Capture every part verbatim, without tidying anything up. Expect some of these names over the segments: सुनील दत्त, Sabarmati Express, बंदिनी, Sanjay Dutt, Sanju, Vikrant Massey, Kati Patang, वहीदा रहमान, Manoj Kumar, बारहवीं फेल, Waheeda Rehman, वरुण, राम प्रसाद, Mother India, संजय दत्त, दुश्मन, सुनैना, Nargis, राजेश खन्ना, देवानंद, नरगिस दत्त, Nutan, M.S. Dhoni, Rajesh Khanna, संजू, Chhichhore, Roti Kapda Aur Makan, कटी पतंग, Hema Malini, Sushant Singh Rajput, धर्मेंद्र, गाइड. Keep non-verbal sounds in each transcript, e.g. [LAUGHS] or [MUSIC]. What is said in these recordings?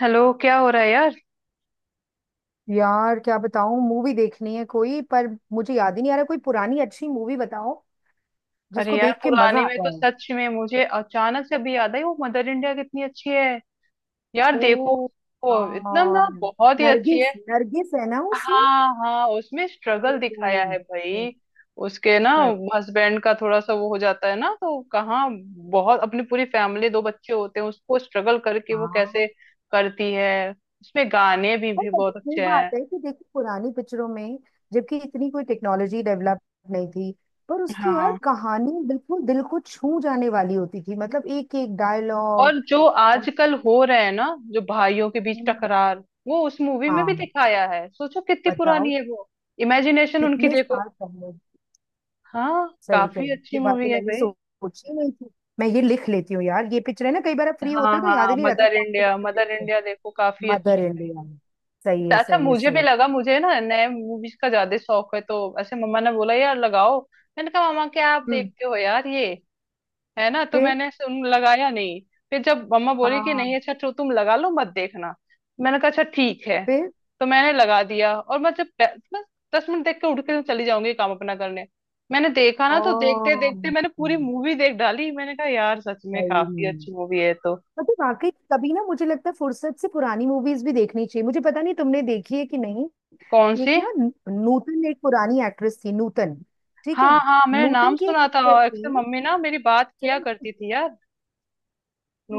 Hello! क्या हो रहा है, यार? यार क्या बताऊं, मूवी देखनी है कोई। पर मुझे याद ही नहीं आ रहा, कोई पुरानी अच्छी मूवी बताओ अरे जिसको यार, देख के पुराने मजा में आता तो है। सच में मुझे अचानक से अभी याद आई। वो मदर इंडिया कितनी अच्छी है। यार देखो। ओ। वो इतना हाँ, ना, बहुत ही अच्छी है। नरगिस। नरगिस है ना उसमें। हाँ, हाँ, उसमें स्ट्रगल ओ, दिखाया है भाई। उसके ना सच। हस्बैंड का थोड़ा सा वो हो जाता है ना, तो कहाँ, बहुत अपनी पूरी फैमिली, दो बच्चे होते हैं उसको, स्ट्रगल करके वो हाँ, कैसे करती है। उसमें गाने भी पर भी पता बहुत है, ये अच्छे बात हैं। है कि देखो पुरानी पिक्चरों में, जबकि इतनी कोई टेक्नोलॉजी डेवलप नहीं थी, पर उसकी यार हाँ, कहानी बिल्कुल दिल को छू जाने वाली होती थी। मतलब एक एक डायलॉग। और जो और। आजकल हो रहे हैं ना, जो भाइयों के बीच टकरार, वो उस मूवी में भी हाँ। दिखाया है। सोचो कितनी बताओ। पुरानी है वो। इमेजिनेशन उनकी कितने देखो। साल पहले। हाँ, सही कह काफी रही हो। अच्छी ये बात तो मूवी है मैंने भाई। सोची नहीं थी। मैं ये लिख लेती हूँ यार, ये पिक्चर है ना, कई बार आप फ्री हाँ, होते हो तो याद ही हाँ, नहीं रहता मदर कौन सी इंडिया, पिक्चर मदर देखते हो। इंडिया देखो। काफी अच्छी मदर इन लॉ। सही है। है, अच्छा, सही है, मुझे भी सही। लगा, मुझे ना नए मूवीज का ज्यादा शौक है, तो ऐसे मम्मा ने बोला, यार लगाओ। मैंने कहा, मामा क्या आप हम्म। देखते हो यार ये, है ना। तो फिर। मैंने सुन, लगाया नहीं। फिर जब मम्मा बोली कि हाँ। नहीं अच्छा, तो तुम लगा लो, मत देखना। मैंने कहा, अच्छा ठीक है। फिर। तो मैंने लगा दिया, और मैं जब पै- मैं दस मिनट देख के उठ के चली जाऊंगी, काम अपना करने। मैंने देखा ओ। ना, तो देखते देखते मैंने पूरी मूवी देख डाली। मैंने कहा, यार सच में सही काफी में। अच्छी मूवी है तो। मतलब वाकई कभी ना मुझे लगता है फुर्सत से पुरानी मूवीज भी देखनी चाहिए। मुझे पता नहीं तुमने देखी है कि नहीं। कौन एक सी। ना नू- नूतन, एक पुरानी एक्ट्रेस थी नूतन। ठीक है। हाँ, हाँ, मैंने नूतन नाम की एक सुना था, पिक्चर और अक्सर थी, मम्मी ना मेरी बात सुना किया है? करती थी यार।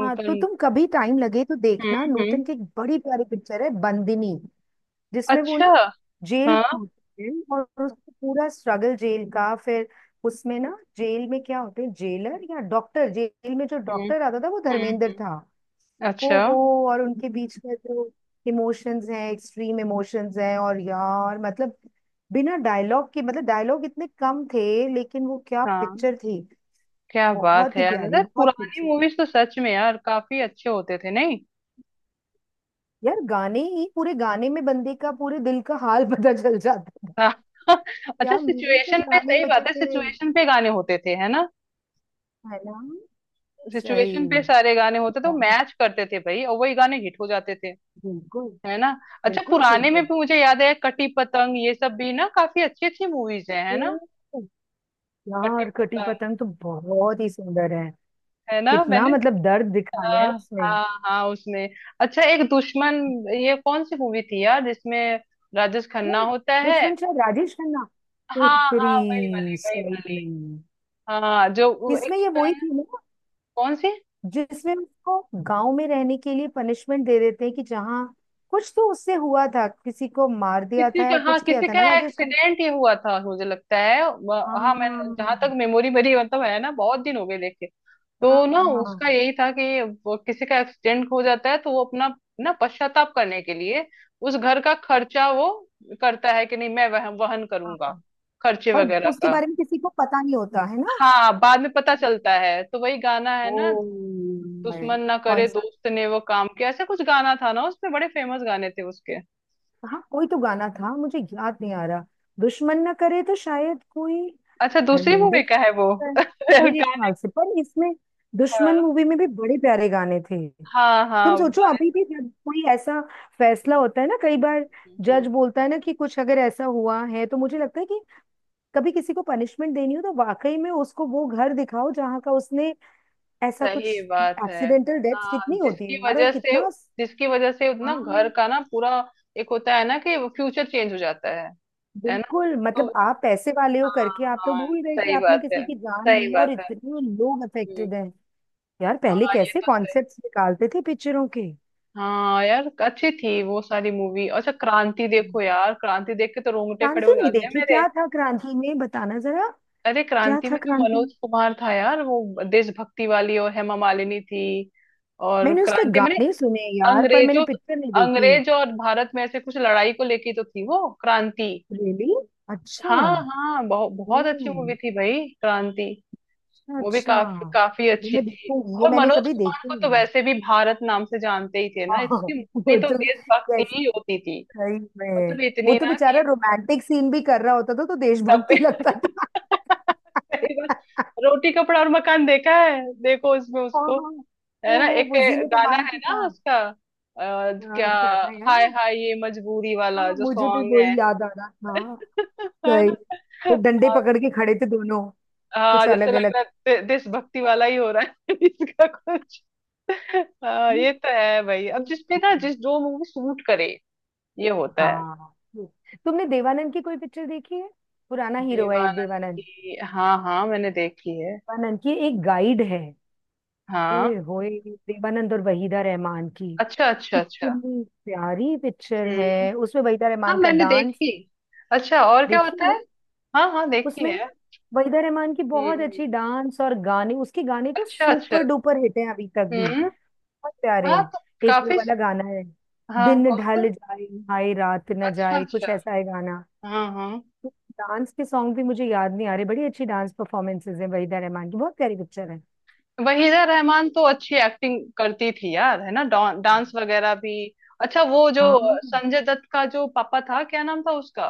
हाँ, तो तुम कभी टाइम लगे तो हम्म, देखना, हम्म, नूतन की एक बड़ी प्यारी पिक्चर है बंदिनी। जिसमें वो अच्छा। ना जेल हाँ। में होती है, और उसका पूरा स्ट्रगल जेल का। फिर उसमें ना जेल में क्या होते हैं जेलर या डॉक्टर, जेल में जो हम्म, डॉक्टर आता था वो हम्म, धर्मेंद्र हम्म, था। अच्छा। ओ हो। और उनके बीच में जो इमोशंस हैं, एक्सट्रीम इमोशंस हैं, और यार मतलब बिना डायलॉग के, मतलब डायलॉग इतने कम थे, लेकिन वो क्या हाँ। पिक्चर थी। क्या बात बहुत है ही यार, प्यारी, अरे बहुत ही। पुरानी मूवीज तो सच में यार काफी अच्छे होते थे, नहीं। यार गाने ही, पूरे गाने में बंदे का पूरे दिल का हाल [LAUGHS] पता चल जाता था। हाँ, [LAUGHS] अच्छा, क्या मीनिंगफुल सिचुएशन पे गाने सही होते बात है, थे, सिचुएशन पे गाने होते थे, है ना। है ना। सिचुएशन पे सही। सारे गाने होते तो बहुत। मैच करते थे भाई, और वही गाने हिट हो जाते थे, बिल्कुल। है ना। अच्छा, बिल्कुल ठीक पुराने में बोल। भी मुझे याद है, कटी पतंग ये सब भी ना काफी अच्छी अच्छी मूवीज हैं, है ना। ओ, कटी यार कटी पतंग, पतंग तो बहुत ही सुंदर है। है ना कितना मैंने, मतलब दर्द दिखाया है हाँ, उसमें। हाँ, हाँ, उसमें, अच्छा, एक दुश्मन, ये कौन सी मूवी थी यार जिसमें राजेश ओ, खन्ना होता है। दुश्मन शायद राजेश खन्ना। ओ हाँ, तेरी। हाँ, वही वाली, वही सही वाली। में। हाँ, जो वो एक इसमें ये होता है वही ना- थी ना कौन सी। जिसमें उसको गांव में रहने के लिए पनिशमेंट दे देते हैं कि जहाँ कुछ तो उससे हुआ था, किसी को मार दिया किसी था का, या हाँ, कुछ किया किसी था का ना राजेश खन्ना। एक्सीडेंट ही हुआ था मुझे लगता है, व- हाँ मैं, जहां तक हाँ। मेमोरी मेरी मतलब है ना, बहुत दिन हो गए देखे। हाँ। तो ना हाँ। उसका यही था कि वो किसी का एक्सीडेंट हो जाता है, तो वो अपना ना पश्चाताप करने के लिए उस घर का खर्चा वो करता है कि नहीं, मैं वह, वहन करूंगा, हाँ। खर्चे और वगैरह उसके का। बारे में किसी को पता नहीं होता है ना। हाँ, बाद में पता चलता है, तो वही गाना है ना, ओ। है। दुश्मन ना कौन करे सा। दोस्त ने वो काम किया, ऐसा कुछ गाना था ना उसमें, बड़े फेमस गाने थे उसके। हाँ, कोई तो गाना था, मुझे याद नहीं आ रहा। दुश्मन न करे, तो शायद कोई अच्छा, दूसरी धर्मेंद्र मूवी की का है वो। है, [LAUGHS] मेरे गा- ख्याल से। पर इसमें, दुश्मन हाँ, मूवी में भी बड़े प्यारे गाने थे। हाँ, तुम हाँ, वो सोचो, अभी गाना- भी जब कोई ऐसा फैसला होता है ना कई बार, जज हम्म, बोलता है ना कि कुछ अगर ऐसा हुआ है, तो मुझे लगता है कि कभी किसी को पनिशमेंट देनी हो तो वाकई में उसको वो घर दिखाओ जहाँ का उसने ऐसा कुछ। सही बात है। एक्सीडेंटल डेथ हाँ, कितनी होती है जिसकी यार, और वजह से कितना। जिसकी वजह से ना हाँ। घर का ना, पूरा एक होता है ना कि फ्यूचर चेंज हो जाता है है ना, बिल्कुल। तो, मतलब आप पैसे वाले हो हाँ, करके आप तो हाँ, भूल गए कि सही आपने बात किसी है, की जान सही ली, और बात है, इतने लोग हम्म, अफेक्टेड हैं। यार, पहले हाँ, ये कैसे तो, कॉन्सेप्ट्स निकालते थे पिक्चरों के। हाँ यार अच्छी थी वो सारी मूवी। अच्छा, क्रांति देखो यार, क्रांति देख के तो रोंगटे खड़े हो क्रांति नहीं जाते हैं देखी, मेरे। क्या था क्रांति में, बताना जरा। अरे क्या क्रांति में था जो क्रांति। मनोज कुमार था यार, वो देशभक्ति वाली, और हेमा मालिनी थी। और मैंने उसके क्रांति मैंने, गाने सुने यार, पर मैंने अंग्रेजों पिक्चर नहीं देखी। अंग्रेज और भारत में ऐसे कुछ लड़ाई को लेके तो थी वो क्रांति। रियली। अच्छा। हाँ, हाँ, बहुत ओ। बहुत अच्छी मूवी थी भाई क्रांति। अच्छा वो भी अच्छा। काफी काफी ये अच्छी मैं थी। देखूंगी, ये और मैंने मनोज कभी कुमार देखी को तो नहीं। वैसे भी भारत नाम से जानते ही थे ना, हाँ। इसकी वो। मूवी तो तो। देशभक्ति Yes। ही होती थी। सही में। मतलब वो इतनी तो ना बेचारा कि रोमांटिक सीन भी कर रहा होता था तो सब पे। देशभक्ति लगता था। [LAUGHS] सही बात। रोटी कपड़ा और मकान देखा है? देखो उसमें हाँ। उसको, हाँ। है ओ ना, हो, एक वो जीनत गाना अमान है के ना साथ। उसका, अ, आ, क्या, क्या था यार वो। हाय हाय ये मजबूरी वाला हाँ, जो मुझे भी सॉन्ग है। वही याद आ रहा था, हाँ। [LAUGHS] है सही। ना। वो डंडे पकड़ के खड़े थे दोनों। हाँ, कुछ जैसे अलग। लग रहा है दे- देशभक्ति वाला ही हो रहा है। [LAUGHS] इसका कुछ, हाँ अलग। ये तो है भाई, अब जिसपे ना, जिस जो मूवी सूट करे, ये होता है। हाँ। तुमने देवानंद की कोई पिक्चर देखी है? पुराना हीरो है एक, देवानंद देवानंद। की, हाँ, हाँ, मैंने देखी है। देवानंद की एक गाइड है। हाँ, ओए होए। देवानंद और वहीदा रहमान की, अच्छा, अच्छा, अच्छा, इतनी प्यारी पिक्चर हम्म। है, उसमें वहीदा हाँ, रहमान का मैंने डांस। देखी। अच्छा, और क्या देखी होता ना। है। हाँ, हाँ, देखी उसमें है। ना वहीदा रहमान की हम्म, बहुत हम्म, अच्छी डांस, और गाने, उसके गाने तो अच्छा, अच्छा, सुपर डुपर हिट हैं अभी तक भी। हम्म। बहुत प्यारे हाँ हैं। तो, एक वो काफी। वाला गाना है, हाँ, दिन कौन सा। ढल जाए, हाय रात न अच्छा, जाए, अच्छा, कुछ ऐसा है गाना। हाँ, हाँ। डांस के सॉन्ग भी मुझे याद नहीं आ रहे। बड़ी अच्छी डांस परफॉर्मेंसेज है वहीदा रहमान की, बहुत प्यारी पिक्चर है। वहीदा रहमान तो अच्छी एक्टिंग करती थी यार, है ना, डा, डांस वगैरह भी। अच्छा, वो जो हाँ, संजय दत्त का जो पापा था, क्या नाम था उसका।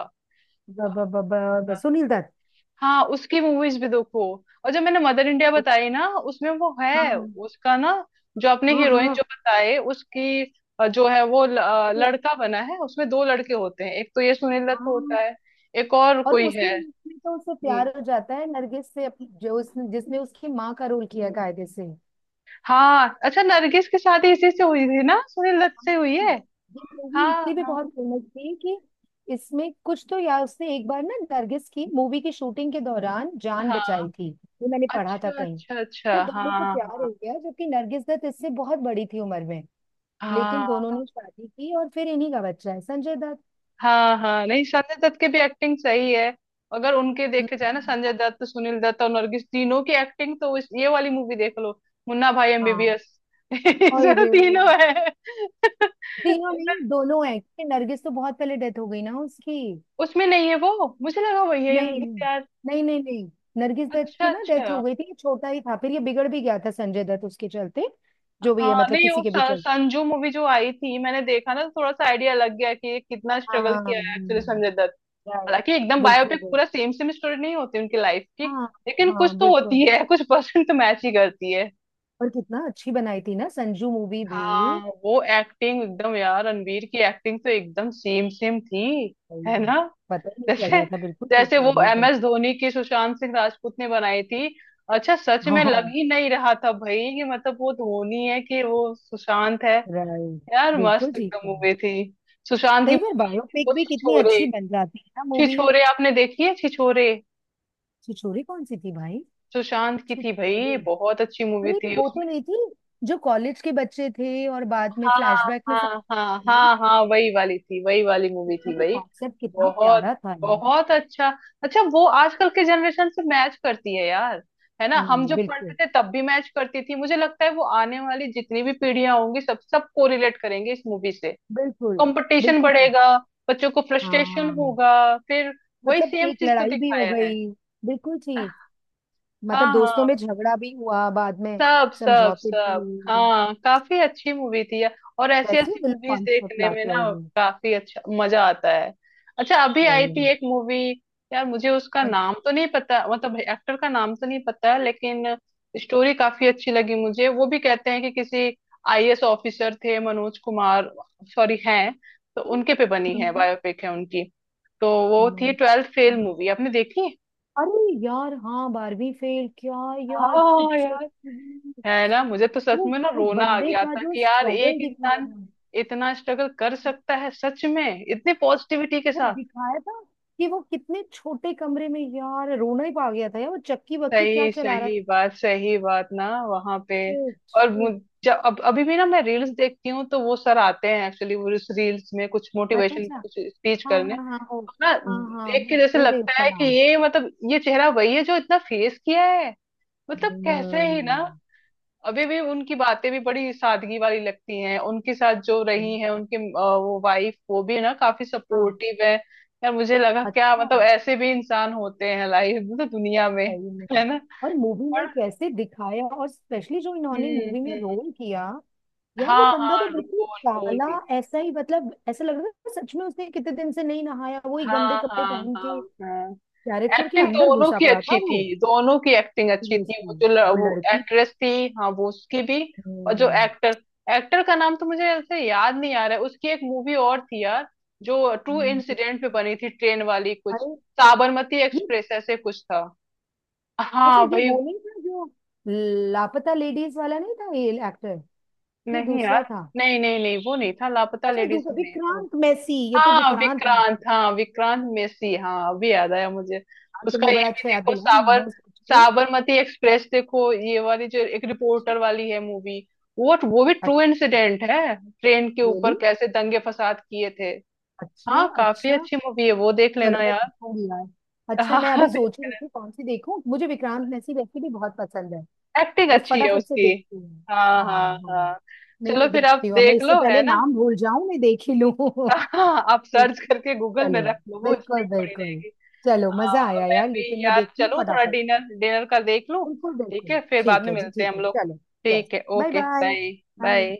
बाबा बाबा, और बस सुनील दत्त। हाँ, उसकी मूवीज भी देखो। और जब मैंने मदर इंडिया उस-। बताई ना, उसमें वो है, हाँ उसका ना, जो अपने हाँ हीरोइन हाँ। जो बताए उसकी, अ, जो है वो ल- अ, अरे, लड़का बना है उसमें, दो लड़के होते हैं, एक तो ये सुनील दत्त हाँ। होता है, एक और और कोई उसी है। मूवी में तो उससे हम्म, प्यार हो जाता है नरगिस से, अप- जो उसने, जिसने उसकी माँ का रोल किया कायदे से। हाँ, अच्छा, नरगिस की शादी इसी से हुई थी ना, सुनील दत्त से हुई है। ये मूवी हाँ, इसलिए भी हाँ, बहुत फेमस थी कि इसमें कुछ तो यार, उसने एक बार ना नरगिस की मूवी की शूटिंग के दौरान जान बचाई हाँ, थी। ये मैंने पढ़ा था अच्छा, कहीं। अच्छा, अच्छा, फिर दोनों को प्यार हाँ। हो गया, जबकि नरगिस दत्त इससे बहुत बड़ी थी उम्र में। लेकिन हाँ, दोनों ने शादी की, और फिर इन्हीं का बच्चा है संजय दत्त। हाँ, हाँ नहीं संजय दत्त की भी एक्टिंग सही है। अगर उनके देखे जाए ना, हम्म। संजय दत्त, सुनील दत्त और नरगिस, तीनों की एक्टिंग तो, इस, ये वाली मूवी देख लो, मुन्ना भाई हाँ। M B B S. और [LAUGHS] तीनों है। तीनों [LAUGHS] नहीं, दोनों हैं, क्योंकि नरगिस तो बहुत पहले डेथ हो गई ना उसकी। उसमें नहीं है वो, मुझे लगा वही है नहीं नरगिस यार। नहीं नहीं नहीं। नरगिस दत्त अच्छा, की ना अच्छा, डेथ हो गई थी, छोटा ही था, फिर ये बिगड़ भी गया था संजय दत्त उसके चलते। जो भी है, हाँ मतलब नहीं वो, किसी के भी स- चलते। संजू मूवी जो आई थी, मैंने देखा ना, तो थोड़ा सा आइडिया लग गया कि ये कितना स्ट्रगल हाँ। किया है एक्चुअली हम्म, संजय दत्त। right, हालांकि एकदम बिल्कुल बायोपिक बिल्कुल। पूरा सेम सेम स्टोरी नहीं होती उनकी लाइफ की। हाँ लेकिन हाँ, कुछ तो होती बिल्कुल। है, कुछ परसेंट तो मैच ही करती है। और कितना अच्छी बनाई थी ना संजू मूवी भी। हाँ वो एक्टिंग एकदम यार, रणवीर की एक्टिंग तो एकदम सेम सेम थी, है भाई, ना, पता ही नहीं चल जैसे, रहा था, बिल्कुल ठीक जैसे कह वो रही एम तो। एस धोनी की सुशांत सिंह राजपूत ने बनाई थी। अच्छा सच में लग हाँ। ही नहीं रहा था भाई कि मतलब वो धोनी है कि वो सुशांत है। राइट। यार बिल्कुल मस्त ठीक एकदम है। मूवी थी सुशांत की। कई बार बायोपिक वो भी कितनी छिछोरे, अच्छी बन जाती है ना मूवी। छिछोरे आपने देखी है? छिछोरे छिछोरे कौन सी थी भाई। सुशांत की थी छिछोरे। भाई, बहुत अच्छी मूवी अरे, तो थी वो तो उसमें। नहीं थी जो कॉलेज के बच्चे थे और बाद में हाँ, फ्लैशबैक में सब। हाँ, हाँ, ये, हाँ, हाँ, वही वाली थी, वही वाली मूवी उसका थी भी भाई। कॉन्सेप्ट कितना बहुत, प्यारा था यार। बहुत अच्छा, अच्छा, वो आजकल के जनरेशन से मैच करती है यार, है ना, हम हम्म, जब पढ़ते बिल्कुल। थे तब भी मैच करती थी। मुझे लगता है वो आने वाली जितनी भी पीढ़ियां होंगी सब सब को रिलेट करेंगे इस मूवी से। बिल्कुल। कंपटीशन बिल्कुल ठीक। बढ़ेगा, बच्चों को फ्रस्ट्रेशन हाँ, होगा, फिर वही मतलब सेम एक चीज तो लड़ाई भी हो दिखाया है। गई। बिल्कुल ठीक। मतलब हाँ, दोस्तों में हाँ, झगड़ा भी हुआ बाद में। सब सब समझौते भी सब, हुए। हाँ काफी अच्छी मूवी थी यार। और ऐसी कैसे ऐसी बिल्कुल मूवीज कॉन्सेप्ट देखने में लाते ना होंगे। काफी अच्छा मजा आता है। अच्छा, अभी आई सही है। थी एक मूवी यार, मुझे उसका अच्छा, नाम तो नहीं पता, मतलब एक्टर का नाम तो नहीं पता है, लेकिन स्टोरी काफी अच्छी लगी मुझे। वो भी कहते हैं कि किसी आई ए एस ऑफिसर थे मनोज कुमार, सॉरी हैं, तो उनके पे बनी है, हम्म, बायोपिक है उनकी। तो वो थी हम्म, ट्वेल्थ फेल हम्म। मूवी, आपने देखी है? अरे यार, हाँ, बारहवीं फेल, क्या यार हाँ पिक्चर। यार, है ना, मुझे तो सच वो में ना वो रोना आ बंदे गया का था जो कि यार स्ट्रगल एक दिखाया इंसान है, इतना स्ट्रगल कर सकता है, सच में इतनी पॉजिटिविटी के वो साथ। दिखाया था कि वो कितने छोटे कमरे में, यार रोना ही पा गया था। यार वो चक्की वक्की क्या सही, चला रहा था। सही बात, सही बात ना वहां पे। और मुझ- शिट। जब अब अभी भी ना मैं रील्स देखती हूँ, तो वो सर आते हैं एक्चुअली, वो उस रील्स में कुछ अच्छा मोटिवेशन अच्छा। कुछ स्पीच हाँ करने, हाँ हाँ हो। तो ना हाँ हाँ, देख मैं के जैसे भूल गई लगता उसका है कि नाम। ये मतलब ये चेहरा वही है जो इतना फेस किया है। मतलब कैसे ही ना, हम्म। अभी भी उनकी बातें भी बड़ी सादगी वाली लगती हैं, उनके साथ जो रही हैं उनके, अ, वो वाइफ, वो भी ना काफी हाँ। सपोर्टिव है। यार मुझे लगा, क्या अच्छा, मतलब ऐसे भी इंसान होते हैं लाइफ मतलब दुनिया में, सही में। है ना, और मूवी पर, में कैसे दिखाया, और स्पेशली जो इन्होंने हम्म, मूवी में हम्म, रोल किया। यार वो हाँ, बंदा हाँ, तो बिल्कुल रोल रोल काला, भी, ऐसा ही। मतलब ऐसा लग रहा था सच में उसने कितने दिन से नहीं नहाया, वही गंदे हाँ, कपड़े हाँ, पहन हाँ, के, हाँ, कैरेक्टर के एक्टिंग अंदर दोनों घुसा की पड़ा था अच्छी वो। थी, दोनों की एक्टिंग अच्छी थी, वो सीरियसली। जो ल- वो वो लड़की। एक्ट्रेस थी। हाँ, वो उसकी भी। और जो हम्म, एक्टर, एक्टर का नाम तो मुझे ऐसे याद नहीं आ रहा है, उसकी एक मूवी और थी यार, जो ट्रू हम्म, इंसिडेंट पे बनी थी, ट्रेन वाली कुछ, अरे, साबरमती ये एक्सप्रेस ऐसे कुछ था। अच्छा, हाँ ये भाई। वो नहीं था जो लापता लेडीज वाला? नहीं था ये एक्टर। ये नहीं दूसरा यार। था। नहीं, नहीं, नहीं, वो नहीं था, लापता अच्छा, लेडीज दूसरा, में नहीं था। विक्रांत मैसी, ये तो हाँ विक्रांत विक्रांत, मैसी। हाँ विक्रांत मेसी, हाँ अभी याद आया मुझे। हाँ, उसका तुमने ये बड़ा भी अच्छा याद देखो, दिलाया, साबर मैं सोच रही। साबरमती एक्सप्रेस देखो, ये वाली जो एक रिपोर्टर वाली है मूवी। वो वो भी ट्रू अच्छा। इंसिडेंट है, ट्रेन के रियली। अच्छा ऊपर really? कैसे दंगे फसाद किए थे। अच्छा हाँ, काफी अच्छा। अच्छी मूवी है वो, देख चलो लेना मैं यार। देखूंगी यार। अच्छा, मैं हाँ, अभी सोच ही रही थी कौन सी देखूं, मुझे विक्रांत मैसी वैसे भी बहुत पसंद है। एक्टिंग मैं अच्छी है फटाफट से उसकी। देखती हूँ। हाँ, हाँ हाँ, हाँ। हाँ। नहीं, चलो मैं फिर आप देखती हूँ, अब मैं देख इससे लो, है पहले ना। नाम भूल जाऊं, मैं देख ही लूं [LAUGHS] हाँ आप ठीक सर्च है। करके गूगल में चलो। रख लो, वो हिस्ट्री बिल्कुल पड़ी बिल्कुल। रहेगी। चलो, मजा हाँ, आया मैं यार, भी लेकिन मैं यार देखती हूँ चलूँ, थोड़ा फटाफट। डिनर डिनर का देख लूँ। बिल्कुल ठीक बिल्कुल। है, फिर बाद ठीक में है जी, मिलते हैं ठीक हम है, लोग। चलो। यस। ठीक है, bye okay, bye. Bye. Bye. Bye.